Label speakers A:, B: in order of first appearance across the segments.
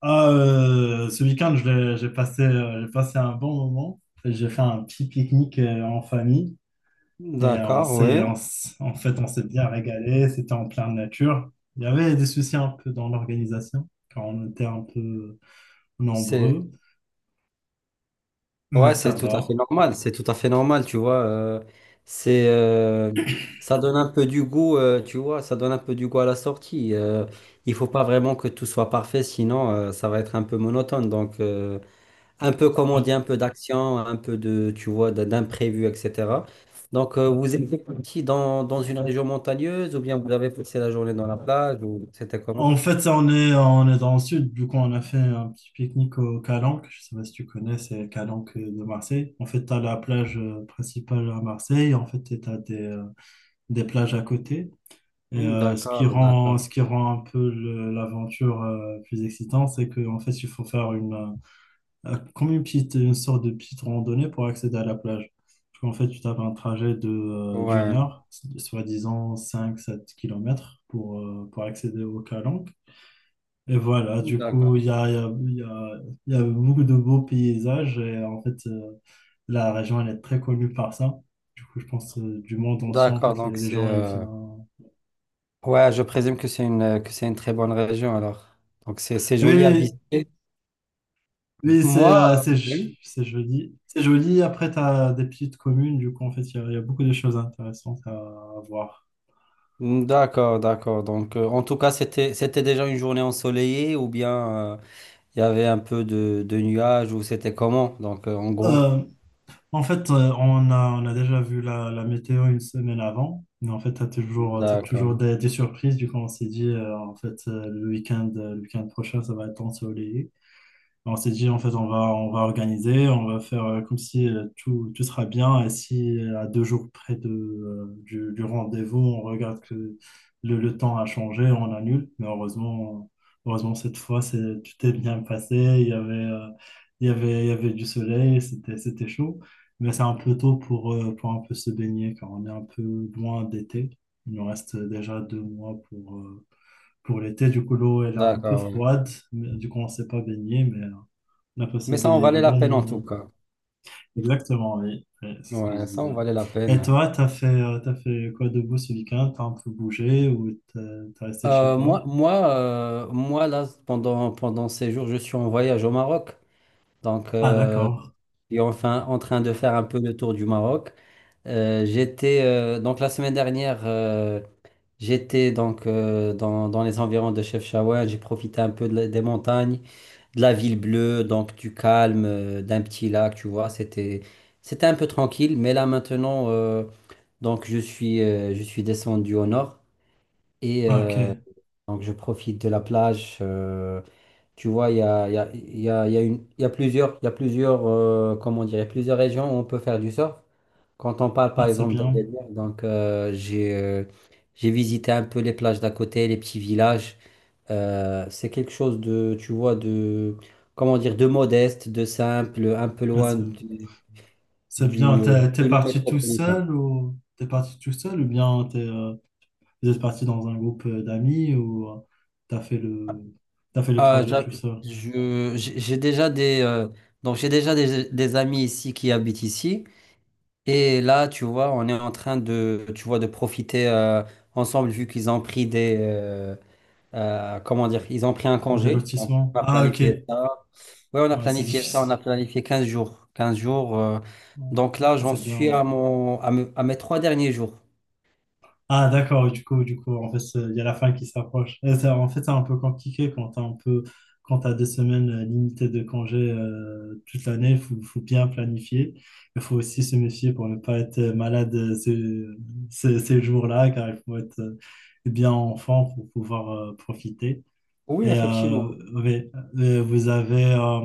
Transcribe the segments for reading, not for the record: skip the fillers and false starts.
A: Ah, ce week-end, je l'ai- j'ai passé un bon moment. J'ai fait un petit pique-nique en famille, et on
B: D'accord,
A: s'est,
B: oui.
A: on s- en fait, on s'est bien régalé. C'était en pleine nature. Il y avait des soucis un peu dans l'organisation quand on était un peu
B: C'est
A: nombreux, mais
B: ouais,
A: ça
B: c'est tout à fait
A: va.
B: normal. C'est tout à fait normal, tu vois. C'est Ça donne un peu du goût, tu vois. Ça donne un peu du goût à la sortie. Il faut pas vraiment que tout soit parfait, sinon ça va être un peu monotone. Donc un peu comme on dit, un
A: Ouais.
B: peu d'action, un peu de, tu vois, d'imprévu, etc. Donc vous êtes parti dans une région montagneuse ou bien vous avez passé la journée dans la plage ou c'était comment?
A: En fait, ça, on est dans le sud, du coup, on a fait un petit pique-nique au Calanque. Je sais pas si tu connais, c'est Calanque de Marseille. En fait, tu as la plage principale à Marseille. En fait, des plages à côté. Et
B: Hmm,
A: euh, ce qui
B: d'accord,
A: rend,
B: d'accord.
A: ce qui rend un peu l'aventure plus excitante, c'est qu'en fait, il faut faire comme une sorte de petite randonnée pour accéder à la plage. Parce qu'en fait, tu tapes un trajet d'une
B: Ouais,
A: heure, soi-disant 5-7 kilomètres pour accéder au Calanque. Et voilà, du coup, il y
B: d'accord.
A: a, il y a, il y a- il y a beaucoup de beaux paysages, et en fait, la région, elle est très connue par ça. Du coup, je pense du monde entier, en
B: D'accord,
A: fait,
B: donc
A: les
B: c'est
A: gens, ils viennent.
B: ouais, je présume que c'est une très bonne région alors. Donc c'est
A: Oui,
B: joli à
A: oui,
B: visiter.
A: oui, c'est
B: Oui.
A: c'est joli. C'est joli. Après, tu as des petites communes. Du coup, en fait, il y a beaucoup de choses intéressantes à voir.
B: D'accord, d'accord. Donc en tout cas, c'était déjà une journée ensoleillée ou bien il y avait un peu de, nuages ou c'était comment? Donc en gros.
A: Euh, En fait, on a déjà vu la météo une semaine avant. Mais en fait, t'as toujours
B: D'accord.
A: des surprises. Du coup, on s'est dit, en fait, le week-end prochain, ça va être ensoleillé. On s'est dit, en fait, on va organiser, on va faire comme si tout sera bien. Et si à 2 jours près du rendez-vous, on regarde que le temps a changé, on annule. Mais heureusement cette fois, tout est bien passé. Il y avait du soleil, c'était chaud. Mais c'est un peu tôt pour un peu se baigner, car on est un peu loin d'été. Il nous reste déjà 2 mois pour l'été, du coup, l'eau, elle est un peu
B: D'accord, ouais.
A: froide, mais du coup, on ne s'est pas baigné, mais on a
B: Mais
A: passé
B: ça en
A: des
B: valait la
A: bons
B: peine en tout
A: moments.
B: cas.
A: Exactement, oui, oui, c'est ce que je
B: Ouais, ça en
A: disais.
B: valait la
A: Et
B: peine.
A: toi, t'as fait quoi de beau ce week-end? T'as un peu bougé ou t'es resté chez
B: Euh, moi
A: toi?
B: moi euh, moi là pendant ces jours, je suis en voyage au Maroc. Donc,
A: Ah, d'accord.
B: suis enfin en train de faire un peu le tour du Maroc. J'étais Donc la semaine dernière, j'étais donc, dans les environs de Chefchaouen. J'ai profité un peu de des montagnes, de la ville bleue, donc du calme, d'un petit lac, tu vois. C'était un peu tranquille, mais là maintenant, donc je suis descendu au nord et
A: Ah, ok.
B: donc je profite de la plage. Tu vois, il y a, il y a, il y a, il y a une- il y a plusieurs, comment dire, il y a plusieurs régions où on peut faire du surf. Quand on parle par
A: Ah, c'est
B: exemple
A: bien.
B: d'Agadir, donc j'ai visité un peu les plages d'à côté, les petits villages. C'est quelque chose de, tu vois, de, comment dire, de modeste, de simple, un peu
A: Ah,
B: loin
A: c'est bien.
B: du
A: T'es
B: climat
A: parti tout
B: métropolitain.
A: seul ou bien vous êtes parti dans un groupe d'amis ou t'as fait le t'as fait le
B: Ah,
A: trajet
B: j'a-
A: tout seul?
B: je, j'ai déjà des, donc j'ai déjà des amis ici qui habitent ici. Et là, tu vois, on est en train de, tu vois, de profiter ensemble vu qu'ils ont pris des, comment dire, ils ont pris un
A: Des
B: congé. Donc,
A: lotissements?
B: on a
A: Ah, ok.
B: planifié ça. Oui, on a
A: Ouais, c'est
B: planifié ça.
A: difficile.
B: On a planifié 15 jours. 15 jours.
A: Ouais.
B: Donc là,
A: Ah,
B: j'en
A: c'est
B: suis
A: bien.
B: à mon, à mes 3 derniers jours.
A: Ah, d'accord, du coup, en fait, il y a la fin qui s'approche. Et ça, en fait, c'est un peu compliqué quand t'as des semaines limitées de congés toute l'année, faut bien planifier. Il faut aussi se méfier pour ne pas être malade ces jours-là, car il faut être bien en forme pour pouvoir profiter.
B: Oui, effectivement.
A: Oui, euh, vous avez, euh,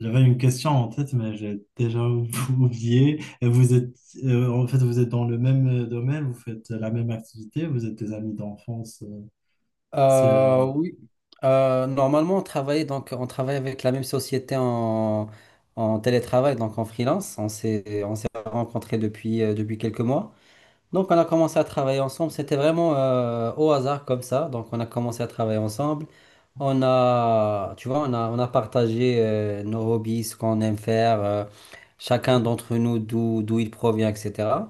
A: j'avais une question en tête, mais j'ai déjà oublié. Et en fait, vous êtes dans le même domaine, vous faites la même activité, vous êtes des amis d'enfance. C'est
B: Oui. Normalement, on travaille avec la même société en télétravail, donc en freelance. On s'est rencontrés depuis quelques mois. Donc on a commencé à travailler ensemble, c'était vraiment au hasard comme ça. Donc on a commencé à travailler ensemble. On a, tu vois, on a partagé nos hobbies, ce qu'on aime faire, chacun d'entre nous d'où il provient, etc.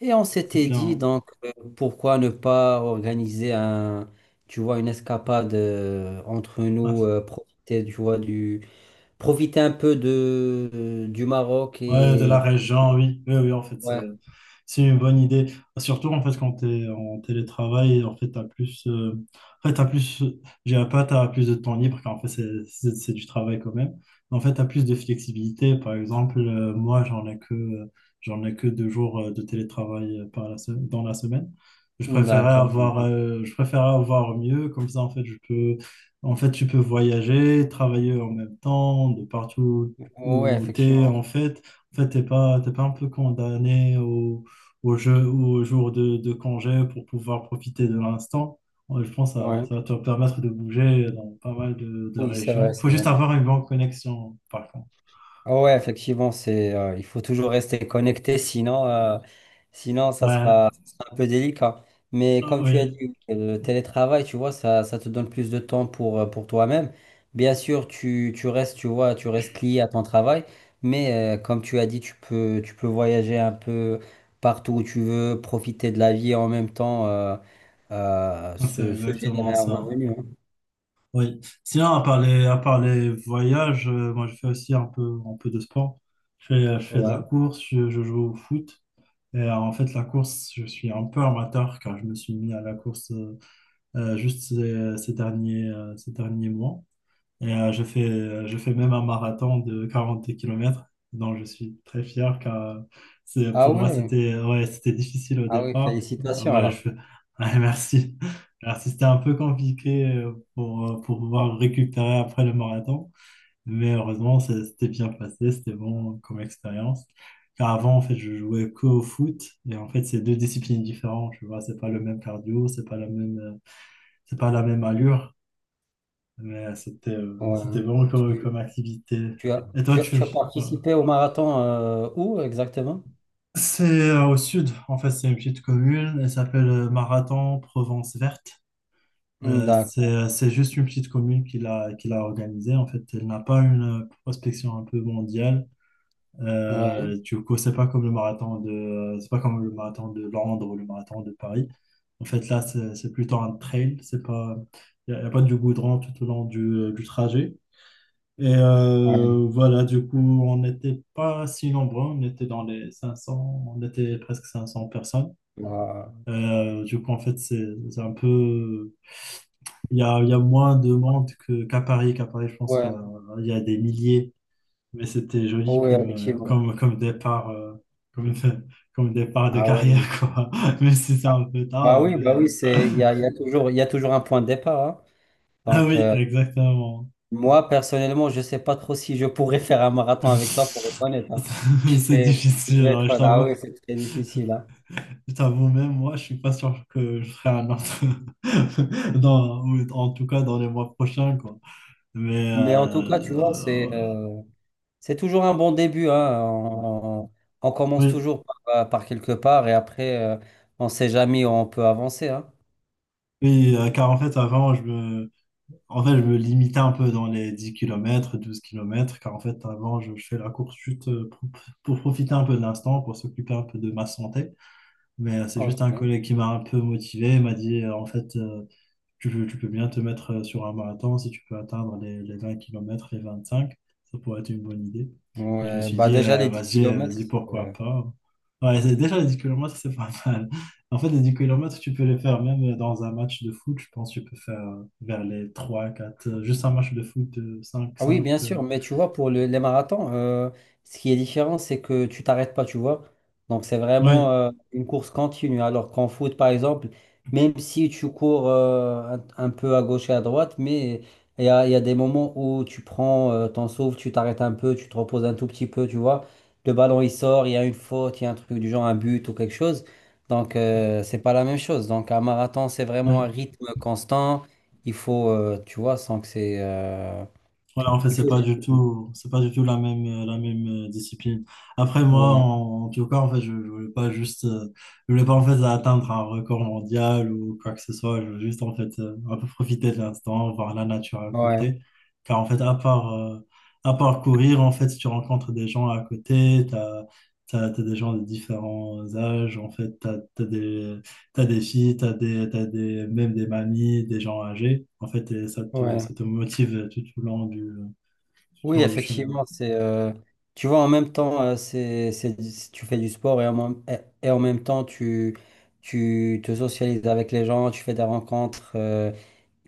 B: Et on
A: c'est
B: s'était dit
A: bien.
B: donc pourquoi ne pas organiser tu vois, une escapade entre
A: Ouais,
B: nous, profiter, tu vois, profiter un peu de, du Maroc
A: ouais, de la
B: et
A: région, oui. Oui, oui, en fait,
B: ouais,
A: c'est une bonne idée. Surtout en fait quand tu es en télétravail, en fait, en fait, t'as plus, j'ai un pas, t'as plus de temps libre, car en fait, c'est du travail quand même. Mais en fait, tu as plus de flexibilité. Par exemple, moi, j'en ai que deux jours de télétravail dans la semaine.
B: d'accord,
A: Je préférais avoir mieux. Comme ça, en fait, tu peux voyager, travailler en même temps, de partout
B: ouais,
A: où tu es,
B: effectivement,
A: en fait. En fait, t'es pas un peu condamné au jour de congé pour pouvoir profiter de l'instant. Je pense que
B: ouais.
A: ça va te permettre de bouger dans pas mal de
B: Oui, c'est vrai,
A: régions. Il
B: c'est
A: faut juste
B: vrai.
A: avoir une bonne connexion, par contre.
B: Ah ouais, effectivement, il faut toujours rester connecté, sinon ça
A: Ouais,
B: sera, un peu délicat. Mais comme tu as
A: oui,
B: dit, le télétravail, tu vois, ça te donne plus de temps pour, pour toi-même. Bien sûr, tu restes, tu vois, tu restes lié à ton travail, mais comme tu as dit, tu peux voyager un peu partout où tu veux, profiter de la vie et en même temps
A: c'est
B: se générer
A: exactement
B: un
A: ça.
B: revenu, hein.
A: Oui. Sinon, à part les voyages, moi, je fais aussi un peu de sport. Je fais de la
B: Ouais.
A: course, je joue au foot. En fait, la course, je suis un peu amateur car je me suis mis à la course juste ces derniers mois. Je fais même un marathon de 40 kilomètres dont je suis très fier car
B: Ah
A: pour moi,
B: ouais,
A: c'était ouais, c'était difficile au
B: ah ouais,
A: départ.
B: félicitations
A: Ouais,
B: alors.
A: ouais, merci. Merci, c'était un peu compliqué pour pouvoir récupérer après le marathon, mais heureusement, c'était bien passé, c'était bon comme expérience. Car avant, en fait, je jouais qu'au foot, et en fait, c'est deux disciplines différentes, tu vois, c'est pas le même cardio, c'est pas la même allure. C'était
B: Ouais.
A: vraiment
B: Tu,
A: comme activité.
B: tu as,
A: Et toi,
B: tu as,
A: tu...
B: tu as
A: Ouais.
B: participé au marathon où exactement?
A: C'est au sud, en fait, c'est une petite commune, elle s'appelle Marathon Provence Verte.
B: Hmm, d'accord.
A: C'est juste une petite commune qui l'a organisée, en fait, elle n'a pas une prospection un peu mondiale.
B: Ouais.
A: Du coup, c'est pas comme le marathon de Londres ou le marathon de Paris. En fait, là, c'est plutôt un trail, c'est pas il n'y a, y a pas du goudron tout au long du trajet.
B: Ouais.
A: Voilà, du coup, on n'était pas si nombreux, on était presque 500 personnes.
B: Bah,
A: Du coup, en fait, c'est un peu... Il y a moins de monde qu'à Paris. Qu'à Paris, je pense
B: ouais.
A: il y a des milliers. Mais c'était joli
B: Oh, ouais, effectivement.
A: comme départ, comme, comme départ de
B: Ah
A: carrière,
B: ouais.
A: quoi. Même si c'est
B: Ah,
A: un peu
B: bah
A: tard,
B: oui,
A: mais...
B: bah oui, il y a toujours un point de départ, hein.
A: Ah
B: Donc,
A: oui, exactement.
B: moi, personnellement, je sais pas trop si je pourrais faire un marathon avec toi, pour être honnête, hein.
A: C'est
B: Et je
A: difficile,
B: vais
A: hein,
B: être là, oui, c'est très difficile, hein.
A: je t'avoue, même moi, je suis pas sûr que je ferai un autre. Dans, ou en tout cas, dans les mois prochains, quoi. Mais, euh,
B: Mais en tout cas, tu vois,
A: euh,
B: c'est toujours un bon début, hein. On commence
A: oui,
B: toujours par, quelque part et après, on ne sait jamais où on peut avancer, hein.
A: oui, car en fait, avant, en fait, je me limitais un peu dans les 10 kilomètres 12 kilomètres car en fait, avant, fais la course chute pour profiter un peu de l'instant, pour s'occuper un peu de ma santé. C'est juste
B: Ok.
A: un collègue qui m'a un peu motivé, il m'a dit, en fait, tu peux bien te mettre sur un marathon si tu peux atteindre les 20 km, les cinq. Ça pourrait être une bonne idée. Et je me
B: Ouais,
A: suis
B: bah
A: dit,
B: déjà, les 10 kilomètres.
A: vas-y, pourquoi pas. Ouais, déjà, les 10 kilomètres c'est pas mal. En fait, les 10 kilomètres tu peux les faire même dans un match de foot. Je pense que tu peux faire vers les 3 4 juste un match de foot, cinq
B: Ah oui,
A: 5.
B: bien sûr, mais tu vois, pour les marathons, ce qui est différent, c'est que tu t'arrêtes pas, tu vois. Donc, c'est vraiment
A: Oui,
B: une course continue. Alors qu'en foot, par exemple, même si tu cours un peu à gauche et à droite, mais il y a des moments où tu prends ton souffle, tu t'arrêtes un peu, tu te reposes un tout petit peu, tu vois. Le ballon, il sort, il y a une faute, il y a un truc du genre, un but ou quelque chose. Donc, c'est pas la même chose. Donc, un marathon, c'est vraiment un rythme constant. Il faut, tu vois, sans que
A: ouais, en fait,
B: il faut.
A: c'est pas du tout la même discipline. Après, moi,
B: Ouais,
A: en tout cas, en fait, je voulais pas en fait atteindre un record mondial ou quoi que ce soit. Je voulais juste en fait un peu profiter de l'instant, voir la nature à
B: ouais,
A: côté. Car en fait, à part courir, en fait, si tu rencontres des gens à côté, t'as des gens de différents âges, en fait, t'as des filles, même des mamies, des gens âgés. En fait, et
B: ouais.
A: ça te motive tout au long tout au
B: Oui,
A: long du chemin.
B: effectivement, c'est. Tu vois, en même temps, tu fais du sport et en même temps, tu te socialises avec les gens, tu fais des rencontres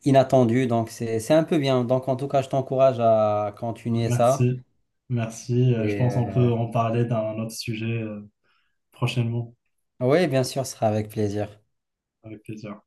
B: inattendues. Donc, c'est un peu bien. Donc, en tout cas, je t'encourage à
A: Ouais,
B: continuer ça.
A: merci. Merci. Je
B: Et
A: pense qu'on peut en parler d'un autre sujet prochainement,
B: oui, bien sûr, ce sera avec plaisir.
A: avec plaisir.